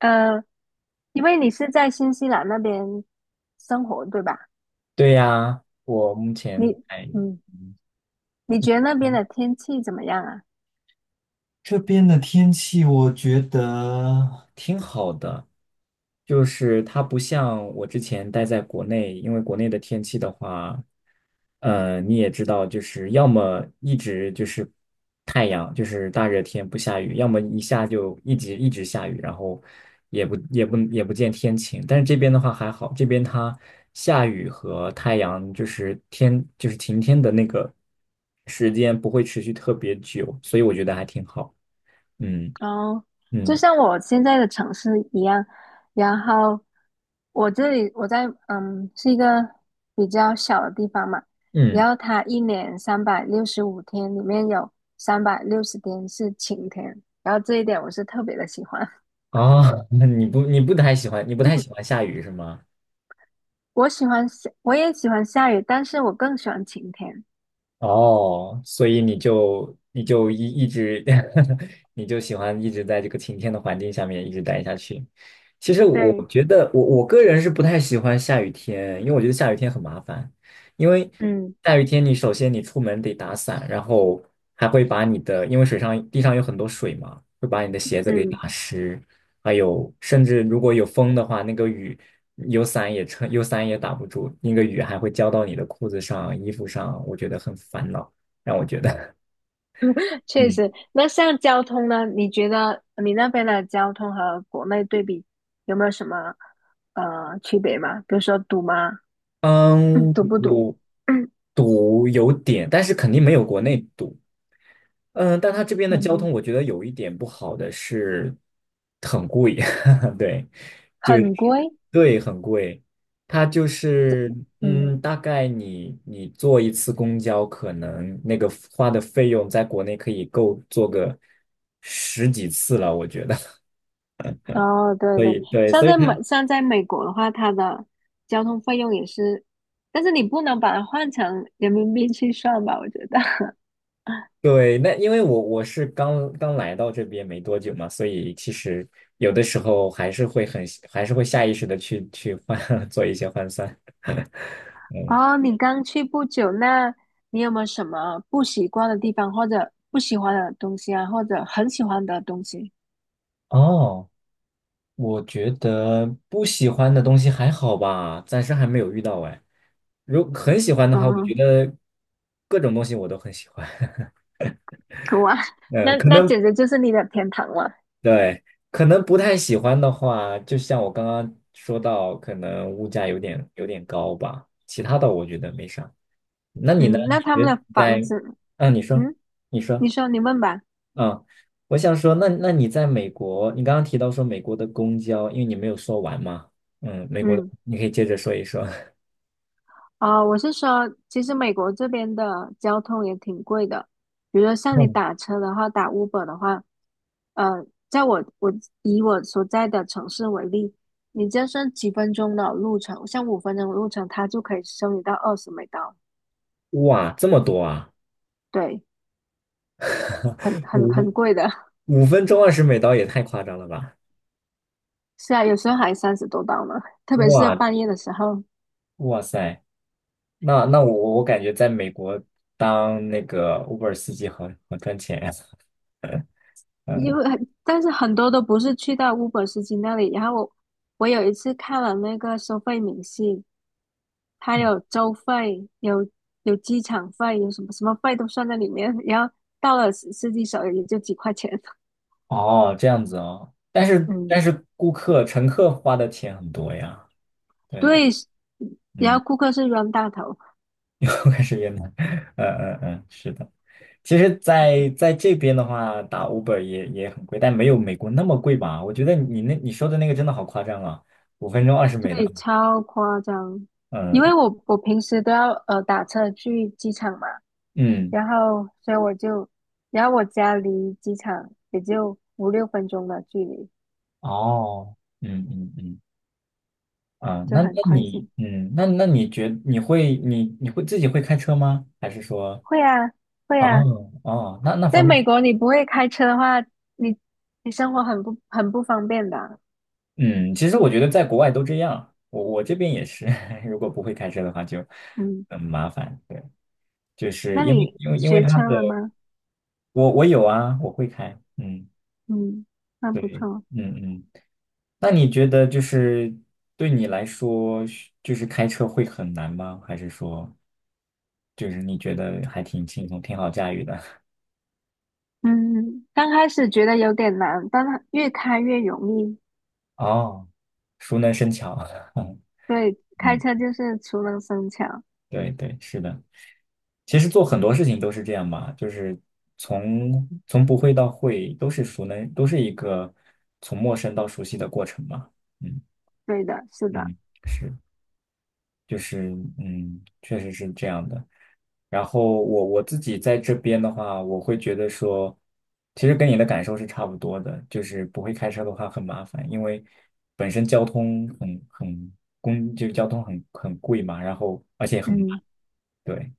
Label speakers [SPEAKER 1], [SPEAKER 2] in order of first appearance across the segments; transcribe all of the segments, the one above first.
[SPEAKER 1] 呃，因为你是在新西兰那边生活，对吧？
[SPEAKER 2] 对呀，我目前
[SPEAKER 1] 你，
[SPEAKER 2] 在，
[SPEAKER 1] 嗯，
[SPEAKER 2] 嗯，
[SPEAKER 1] 你觉得那边的天气怎么样啊？
[SPEAKER 2] 这边的天气我觉得挺好的，就是它不像我之前待在国内，因为国内的天气的话，你也知道，就是要么一直就是太阳，就是大热天不下雨，要么一下就一直一直下雨，然后也不见天晴。但是这边的话还好，这边它下雨和太阳就是天就是晴天的那个时间不会持续特别久，所以我觉得还挺好。嗯
[SPEAKER 1] 哦，就
[SPEAKER 2] 嗯
[SPEAKER 1] 像我现在的城市一样，然后我这里我在嗯是一个比较小的地方嘛，
[SPEAKER 2] 嗯，
[SPEAKER 1] 然后它一年365天里面有三百六十天是晴天，然后这一点我是特别的喜欢。
[SPEAKER 2] 啊，那你不太喜欢下雨是吗？
[SPEAKER 1] 我喜欢下，我也喜欢下雨，但是我更喜欢晴天。
[SPEAKER 2] 哦，所以你就一直 你就喜欢一直在这个晴天的环境下面一直待下去。其实我
[SPEAKER 1] 对，
[SPEAKER 2] 觉得我个人是不太喜欢下雨天，因为我觉得下雨天很麻烦。因为
[SPEAKER 1] 嗯
[SPEAKER 2] 下雨天你首先你出门得打伞，然后还会把你的因为水上地上有很多水嘛，会把你的鞋子给
[SPEAKER 1] 嗯。
[SPEAKER 2] 打湿。还有甚至如果有风的话，那个雨有伞也打不住，那个雨还会浇到你的裤子上、衣服上，我觉得很烦恼，让我觉得，
[SPEAKER 1] 确
[SPEAKER 2] 嗯
[SPEAKER 1] 实。那像交通呢？你觉得你那边的交通和国内对比有没有什么区别吗？比如说堵吗？
[SPEAKER 2] 嗯，
[SPEAKER 1] 嗯堵不堵？
[SPEAKER 2] 我
[SPEAKER 1] 嗯
[SPEAKER 2] 堵有点，但是肯定没有国内堵，嗯，但它这边的交
[SPEAKER 1] 嗯，
[SPEAKER 2] 通我觉得有一点不好的是很贵，对。就
[SPEAKER 1] 很贵。
[SPEAKER 2] 对，很贵。它就是，
[SPEAKER 1] 嗯，
[SPEAKER 2] 大概你坐一次公交，可能那个花的费用在国内可以够坐个10几次了，我觉得。
[SPEAKER 1] 哦，对
[SPEAKER 2] 所
[SPEAKER 1] 对，
[SPEAKER 2] 以对，所以呢
[SPEAKER 1] 像在美国的话，它的交通费用也是，但是你不能把它换成人民币去算吧？我觉得。
[SPEAKER 2] 对，那因为我是刚刚来到这边没多久嘛，所以其实有的时候还是会下意识的去换 做一些换算。嗯，
[SPEAKER 1] 哦，你刚去不久，那你有没有什么不习惯的地方，或者不喜欢的东西啊，或者很喜欢的东西？
[SPEAKER 2] 哦。我觉得不喜欢的东西还好吧，暂时还没有遇到哎。很喜欢的话，我觉
[SPEAKER 1] 嗯，
[SPEAKER 2] 得各种东西我都很喜欢。
[SPEAKER 1] 哇，
[SPEAKER 2] 嗯，
[SPEAKER 1] 那那简直就是你的天堂了。
[SPEAKER 2] 对，可能不太喜欢的话，就像我刚刚说到，可能物价有点高吧。其他的我觉得没啥。那你呢？
[SPEAKER 1] 嗯，
[SPEAKER 2] 你
[SPEAKER 1] 那他们
[SPEAKER 2] 觉得
[SPEAKER 1] 的房
[SPEAKER 2] 在
[SPEAKER 1] 子，
[SPEAKER 2] 啊？你说，
[SPEAKER 1] 嗯，
[SPEAKER 2] 你
[SPEAKER 1] 你
[SPEAKER 2] 说，
[SPEAKER 1] 说你问吧。
[SPEAKER 2] 嗯，我想说，那你在美国，你刚刚提到说美国的公交，因为你没有说完嘛，美国的，
[SPEAKER 1] 嗯，
[SPEAKER 2] 你可以接着说一说。
[SPEAKER 1] 哦，我是说，其实美国这边的交通也挺贵的，比如说像你 打车的话，打 Uber 的话，呃，在我我以我所在的城市为例，你就算几分钟的路程，像5分钟的路程，它就可以收你到20美刀，
[SPEAKER 2] 哇，这么多啊！
[SPEAKER 1] 对，很
[SPEAKER 2] 五
[SPEAKER 1] 贵的。
[SPEAKER 2] 五分钟二十美刀也太夸张了吧！
[SPEAKER 1] 是啊，有时候还30多刀呢，特别是
[SPEAKER 2] 哇
[SPEAKER 1] 半夜的时候。
[SPEAKER 2] 哇塞，那我感觉在美国当那个 Uber 司机好好赚钱呀。
[SPEAKER 1] 因
[SPEAKER 2] 嗯，
[SPEAKER 1] 为很但是很多都不是去到 Uber 司机那里。然后我有一次看了那个收费明细，它有州费，有机场费，有什么什么费都算在里面。然后到了司机手里也就几块钱。
[SPEAKER 2] 哦，这样子哦。但 是但
[SPEAKER 1] 嗯，
[SPEAKER 2] 是顾客乘客花的钱很多呀。对，
[SPEAKER 1] 对，然
[SPEAKER 2] 嗯，
[SPEAKER 1] 后顾客是冤大头，
[SPEAKER 2] 我开始越南。嗯嗯嗯，是的。其实在这边的话，打 Uber 也很贵，但没有美国那么贵吧？我觉得你说的那个真的好夸张啊！五分钟二十美刀，
[SPEAKER 1] 对，超夸张。因
[SPEAKER 2] 嗯
[SPEAKER 1] 为我平时都要打车去机场嘛，
[SPEAKER 2] 嗯，
[SPEAKER 1] 然后所以我就，然后我家离机场也就5、6分钟的距离，
[SPEAKER 2] 哦，嗯嗯嗯，啊，
[SPEAKER 1] 就
[SPEAKER 2] 那那
[SPEAKER 1] 很宽
[SPEAKER 2] 你，
[SPEAKER 1] 心。
[SPEAKER 2] 那那你觉你会你你会自己会开车吗？还是说，
[SPEAKER 1] 会啊，会啊，
[SPEAKER 2] 哦哦，那
[SPEAKER 1] 在
[SPEAKER 2] 方面，
[SPEAKER 1] 美国你不会开车的话，你你生活很不方便的啊
[SPEAKER 2] 嗯，其实我觉得在国外都这样，我这边也是，如果不会开车的话就
[SPEAKER 1] 嗯，
[SPEAKER 2] 很麻烦，对，就是
[SPEAKER 1] 那
[SPEAKER 2] 因为
[SPEAKER 1] 你
[SPEAKER 2] 因为因为
[SPEAKER 1] 学
[SPEAKER 2] 他
[SPEAKER 1] 车
[SPEAKER 2] 的，
[SPEAKER 1] 了吗？
[SPEAKER 2] 我有啊，我会开，嗯，
[SPEAKER 1] 嗯，那不
[SPEAKER 2] 对，
[SPEAKER 1] 错。
[SPEAKER 2] 嗯嗯，那你觉得就是对你来说，就是开车会很难吗？还是说？就是你觉得还挺轻松，挺好驾驭的。
[SPEAKER 1] 嗯，刚开始觉得有点难，但它越开越容易。
[SPEAKER 2] 哦 熟能生巧。
[SPEAKER 1] 对，开
[SPEAKER 2] 嗯，
[SPEAKER 1] 车就是熟能生巧。
[SPEAKER 2] 对对，是的。其实做很多事情都是这样吧，就是从不会到会，都是一个从陌生到熟悉的过程嘛。嗯
[SPEAKER 1] 对的，是的。
[SPEAKER 2] 嗯，是，就是确实是这样的。然后我自己在这边的话，我会觉得说，其实跟你的感受是差不多的，就是不会开车的话很麻烦，因为本身交通很很公，就是交通很贵嘛，然后而且很慢，
[SPEAKER 1] 嗯。
[SPEAKER 2] 对，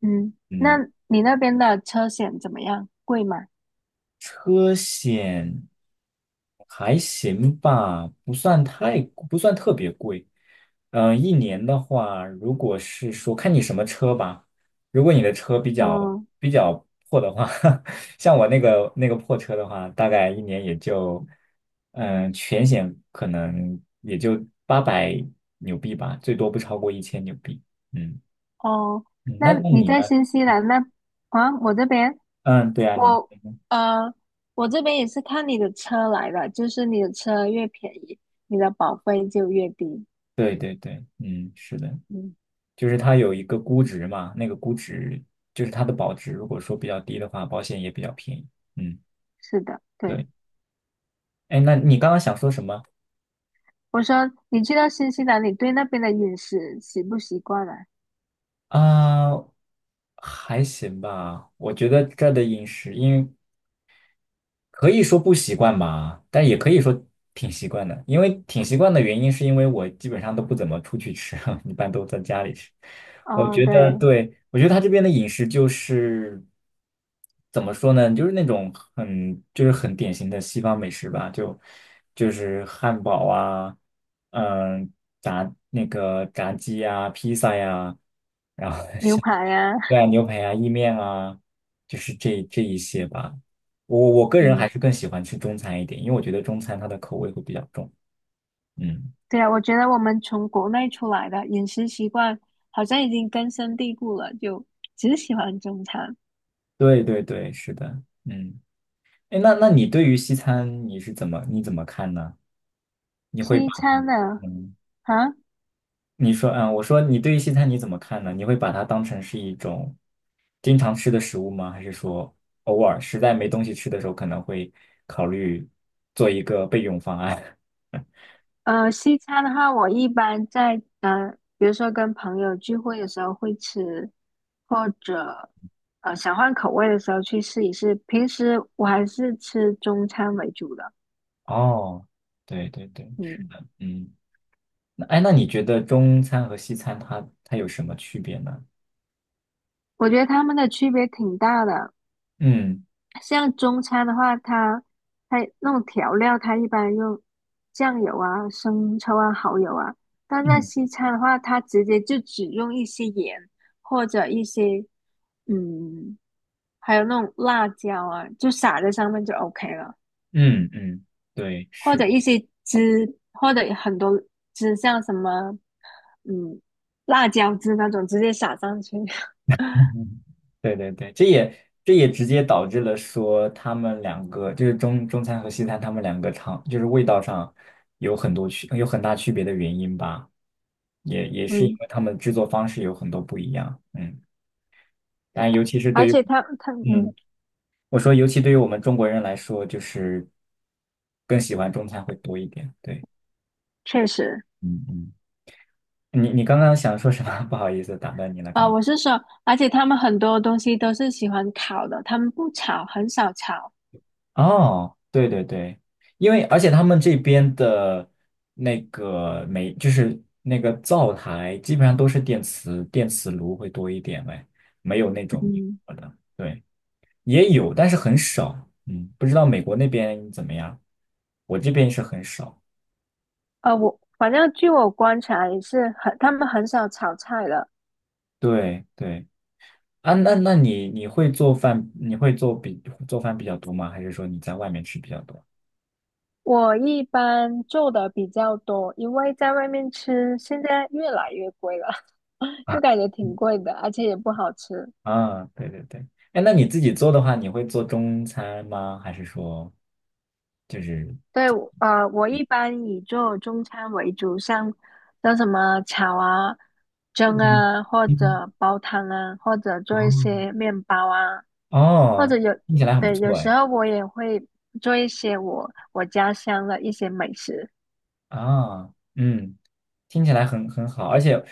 [SPEAKER 1] 嗯，那
[SPEAKER 2] 嗯。
[SPEAKER 1] 你那边的车险怎么样？贵吗？
[SPEAKER 2] 车险还行吧，不算特别贵。嗯、一年的话，如果是说看你什么车吧，如果你的车比较
[SPEAKER 1] 嗯，
[SPEAKER 2] 比较破的话，像我那个破车的话，大概一年也就，全险可能也就800纽币吧，最多不超过1000纽币。嗯
[SPEAKER 1] 哦，
[SPEAKER 2] 嗯那
[SPEAKER 1] 那
[SPEAKER 2] 那
[SPEAKER 1] 你
[SPEAKER 2] 你
[SPEAKER 1] 在
[SPEAKER 2] 呢？
[SPEAKER 1] 新西兰那啊？我这边
[SPEAKER 2] 嗯，对啊，
[SPEAKER 1] 我呃，我这边也是看你的车来的，就是你的车越便宜，你的保费就越低。
[SPEAKER 2] 对对对，嗯，是的。
[SPEAKER 1] 嗯，
[SPEAKER 2] 就是它有一个估值嘛，那个估值就是它的保值，如果说比较低的话，保险也比较便宜。嗯，
[SPEAKER 1] 是的，对。
[SPEAKER 2] 对。哎，那你刚刚想说什么
[SPEAKER 1] 我说你去到新西兰，你对那边的饮食习不习惯啊？
[SPEAKER 2] 啊？还行吧，我觉得这儿的饮食，因为可以说不习惯吧，但也可以说挺习惯的。因为挺习惯的原因，是因为我基本上都不怎么出去吃，一般都在家里吃。我
[SPEAKER 1] 哦，
[SPEAKER 2] 觉
[SPEAKER 1] 对，
[SPEAKER 2] 得，对，我觉得他这边的饮食就是怎么说呢，就是那种很就是很典型的西方美食吧，就是汉堡啊，嗯，炸那个炸鸡呀、披萨呀、然后
[SPEAKER 1] 牛
[SPEAKER 2] 像。
[SPEAKER 1] 排呀、
[SPEAKER 2] 对啊，牛排啊，意面啊，就是这一些 吧。我个人
[SPEAKER 1] 嗯
[SPEAKER 2] 还是更喜欢吃中餐一点，因为我觉得中餐它的口味会比较重。嗯，
[SPEAKER 1] 对啊，我觉得我们从国内出来的饮食习惯好像已经根深蒂固了，就只喜欢中餐。
[SPEAKER 2] 对对对，是的。嗯，哎，那你对于西餐你怎么看呢？你会
[SPEAKER 1] 西
[SPEAKER 2] 把
[SPEAKER 1] 餐的
[SPEAKER 2] 嗯，
[SPEAKER 1] 啊，
[SPEAKER 2] 你说啊，我说你对于西餐你怎么看呢？你会把它当成是一种经常吃的食物吗？还是说偶尔实在没东西吃的时候，可能会考虑做一个备用方案？
[SPEAKER 1] 西餐的话，我一般在比如说跟朋友聚会的时候会吃，或者想换口味的时候去试一试。平时我还是吃中餐为主的，
[SPEAKER 2] 哦，对对对。
[SPEAKER 1] 嗯，
[SPEAKER 2] 嗯。那哎，那你觉得中餐和西餐它有什么区别呢？
[SPEAKER 1] 我觉得他们的区别挺大的。
[SPEAKER 2] 嗯
[SPEAKER 1] 像中餐的话，它那种调料，它一般用酱油啊、生抽啊、蚝油啊。但在
[SPEAKER 2] 嗯
[SPEAKER 1] 西餐的话，它直接就只用一些盐或者一些嗯，还有那种辣椒啊，就撒在上面就 OK 了，
[SPEAKER 2] 嗯嗯，对，
[SPEAKER 1] 或
[SPEAKER 2] 是的
[SPEAKER 1] 者一些汁，或者很多汁，像什么嗯辣椒汁那种，直接撒上去。
[SPEAKER 2] 对对对，这也直接导致了说他们两个就是中餐和西餐，他们两个就是味道上有很大区别的原因吧，也是因
[SPEAKER 1] 嗯，
[SPEAKER 2] 为他们制作方式有很多不一样，嗯，但尤其是
[SPEAKER 1] 而
[SPEAKER 2] 对于
[SPEAKER 1] 且它它嗯，
[SPEAKER 2] 嗯，我说尤其对于我们中国人来说，就是更喜欢中餐会多一点，对，
[SPEAKER 1] 确实。
[SPEAKER 2] 嗯嗯。你刚刚想说什么？不好意思，打断你了。
[SPEAKER 1] 啊、我是说，而且他们很多东西都是喜欢烤的，他们不炒，很少炒。
[SPEAKER 2] 哦，对对对，因为而且他们这边的那个煤，就是那个灶台，基本上都是电磁炉会多一点呗，没有那种明
[SPEAKER 1] 嗯，
[SPEAKER 2] 火的。对，也有，但是很少。嗯，不知道美国那边怎么样，我这边是很少。
[SPEAKER 1] 我反正据我观察也是很，他们很少炒菜的。
[SPEAKER 2] 对对啊，那你会做饭？你会做比做饭比较多吗？还是说你在外面吃比较多？
[SPEAKER 1] 我一般做的比较多，因为在外面吃现在越来越贵了，
[SPEAKER 2] 啊？
[SPEAKER 1] 就感觉挺贵的，而且也不好吃。
[SPEAKER 2] 啊，对对对，哎，那你自己做的话，你会做中餐吗？还是说就是
[SPEAKER 1] 对，我我一般以做中餐为主，像像什么炒啊、蒸
[SPEAKER 2] 嗯
[SPEAKER 1] 啊，或
[SPEAKER 2] 嗯，
[SPEAKER 1] 者煲汤啊，或者做一
[SPEAKER 2] 哦，
[SPEAKER 1] 些面包啊，或
[SPEAKER 2] 哦，
[SPEAKER 1] 者有，
[SPEAKER 2] 听起来很不
[SPEAKER 1] 对，有
[SPEAKER 2] 错
[SPEAKER 1] 时
[SPEAKER 2] 哎
[SPEAKER 1] 候我也会做一些我家乡的一些美食，
[SPEAKER 2] 啊，嗯，听起来很好，而且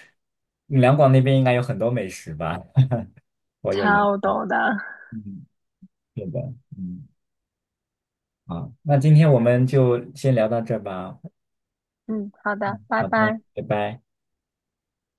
[SPEAKER 2] 两广那边应该有很多美食吧？我有了，
[SPEAKER 1] 超多的。
[SPEAKER 2] 嗯，对的，嗯，好，那今天我们就先聊到这儿吧，
[SPEAKER 1] 嗯，好
[SPEAKER 2] 嗯，
[SPEAKER 1] 的，拜
[SPEAKER 2] 好的，
[SPEAKER 1] 拜。
[SPEAKER 2] 拜拜。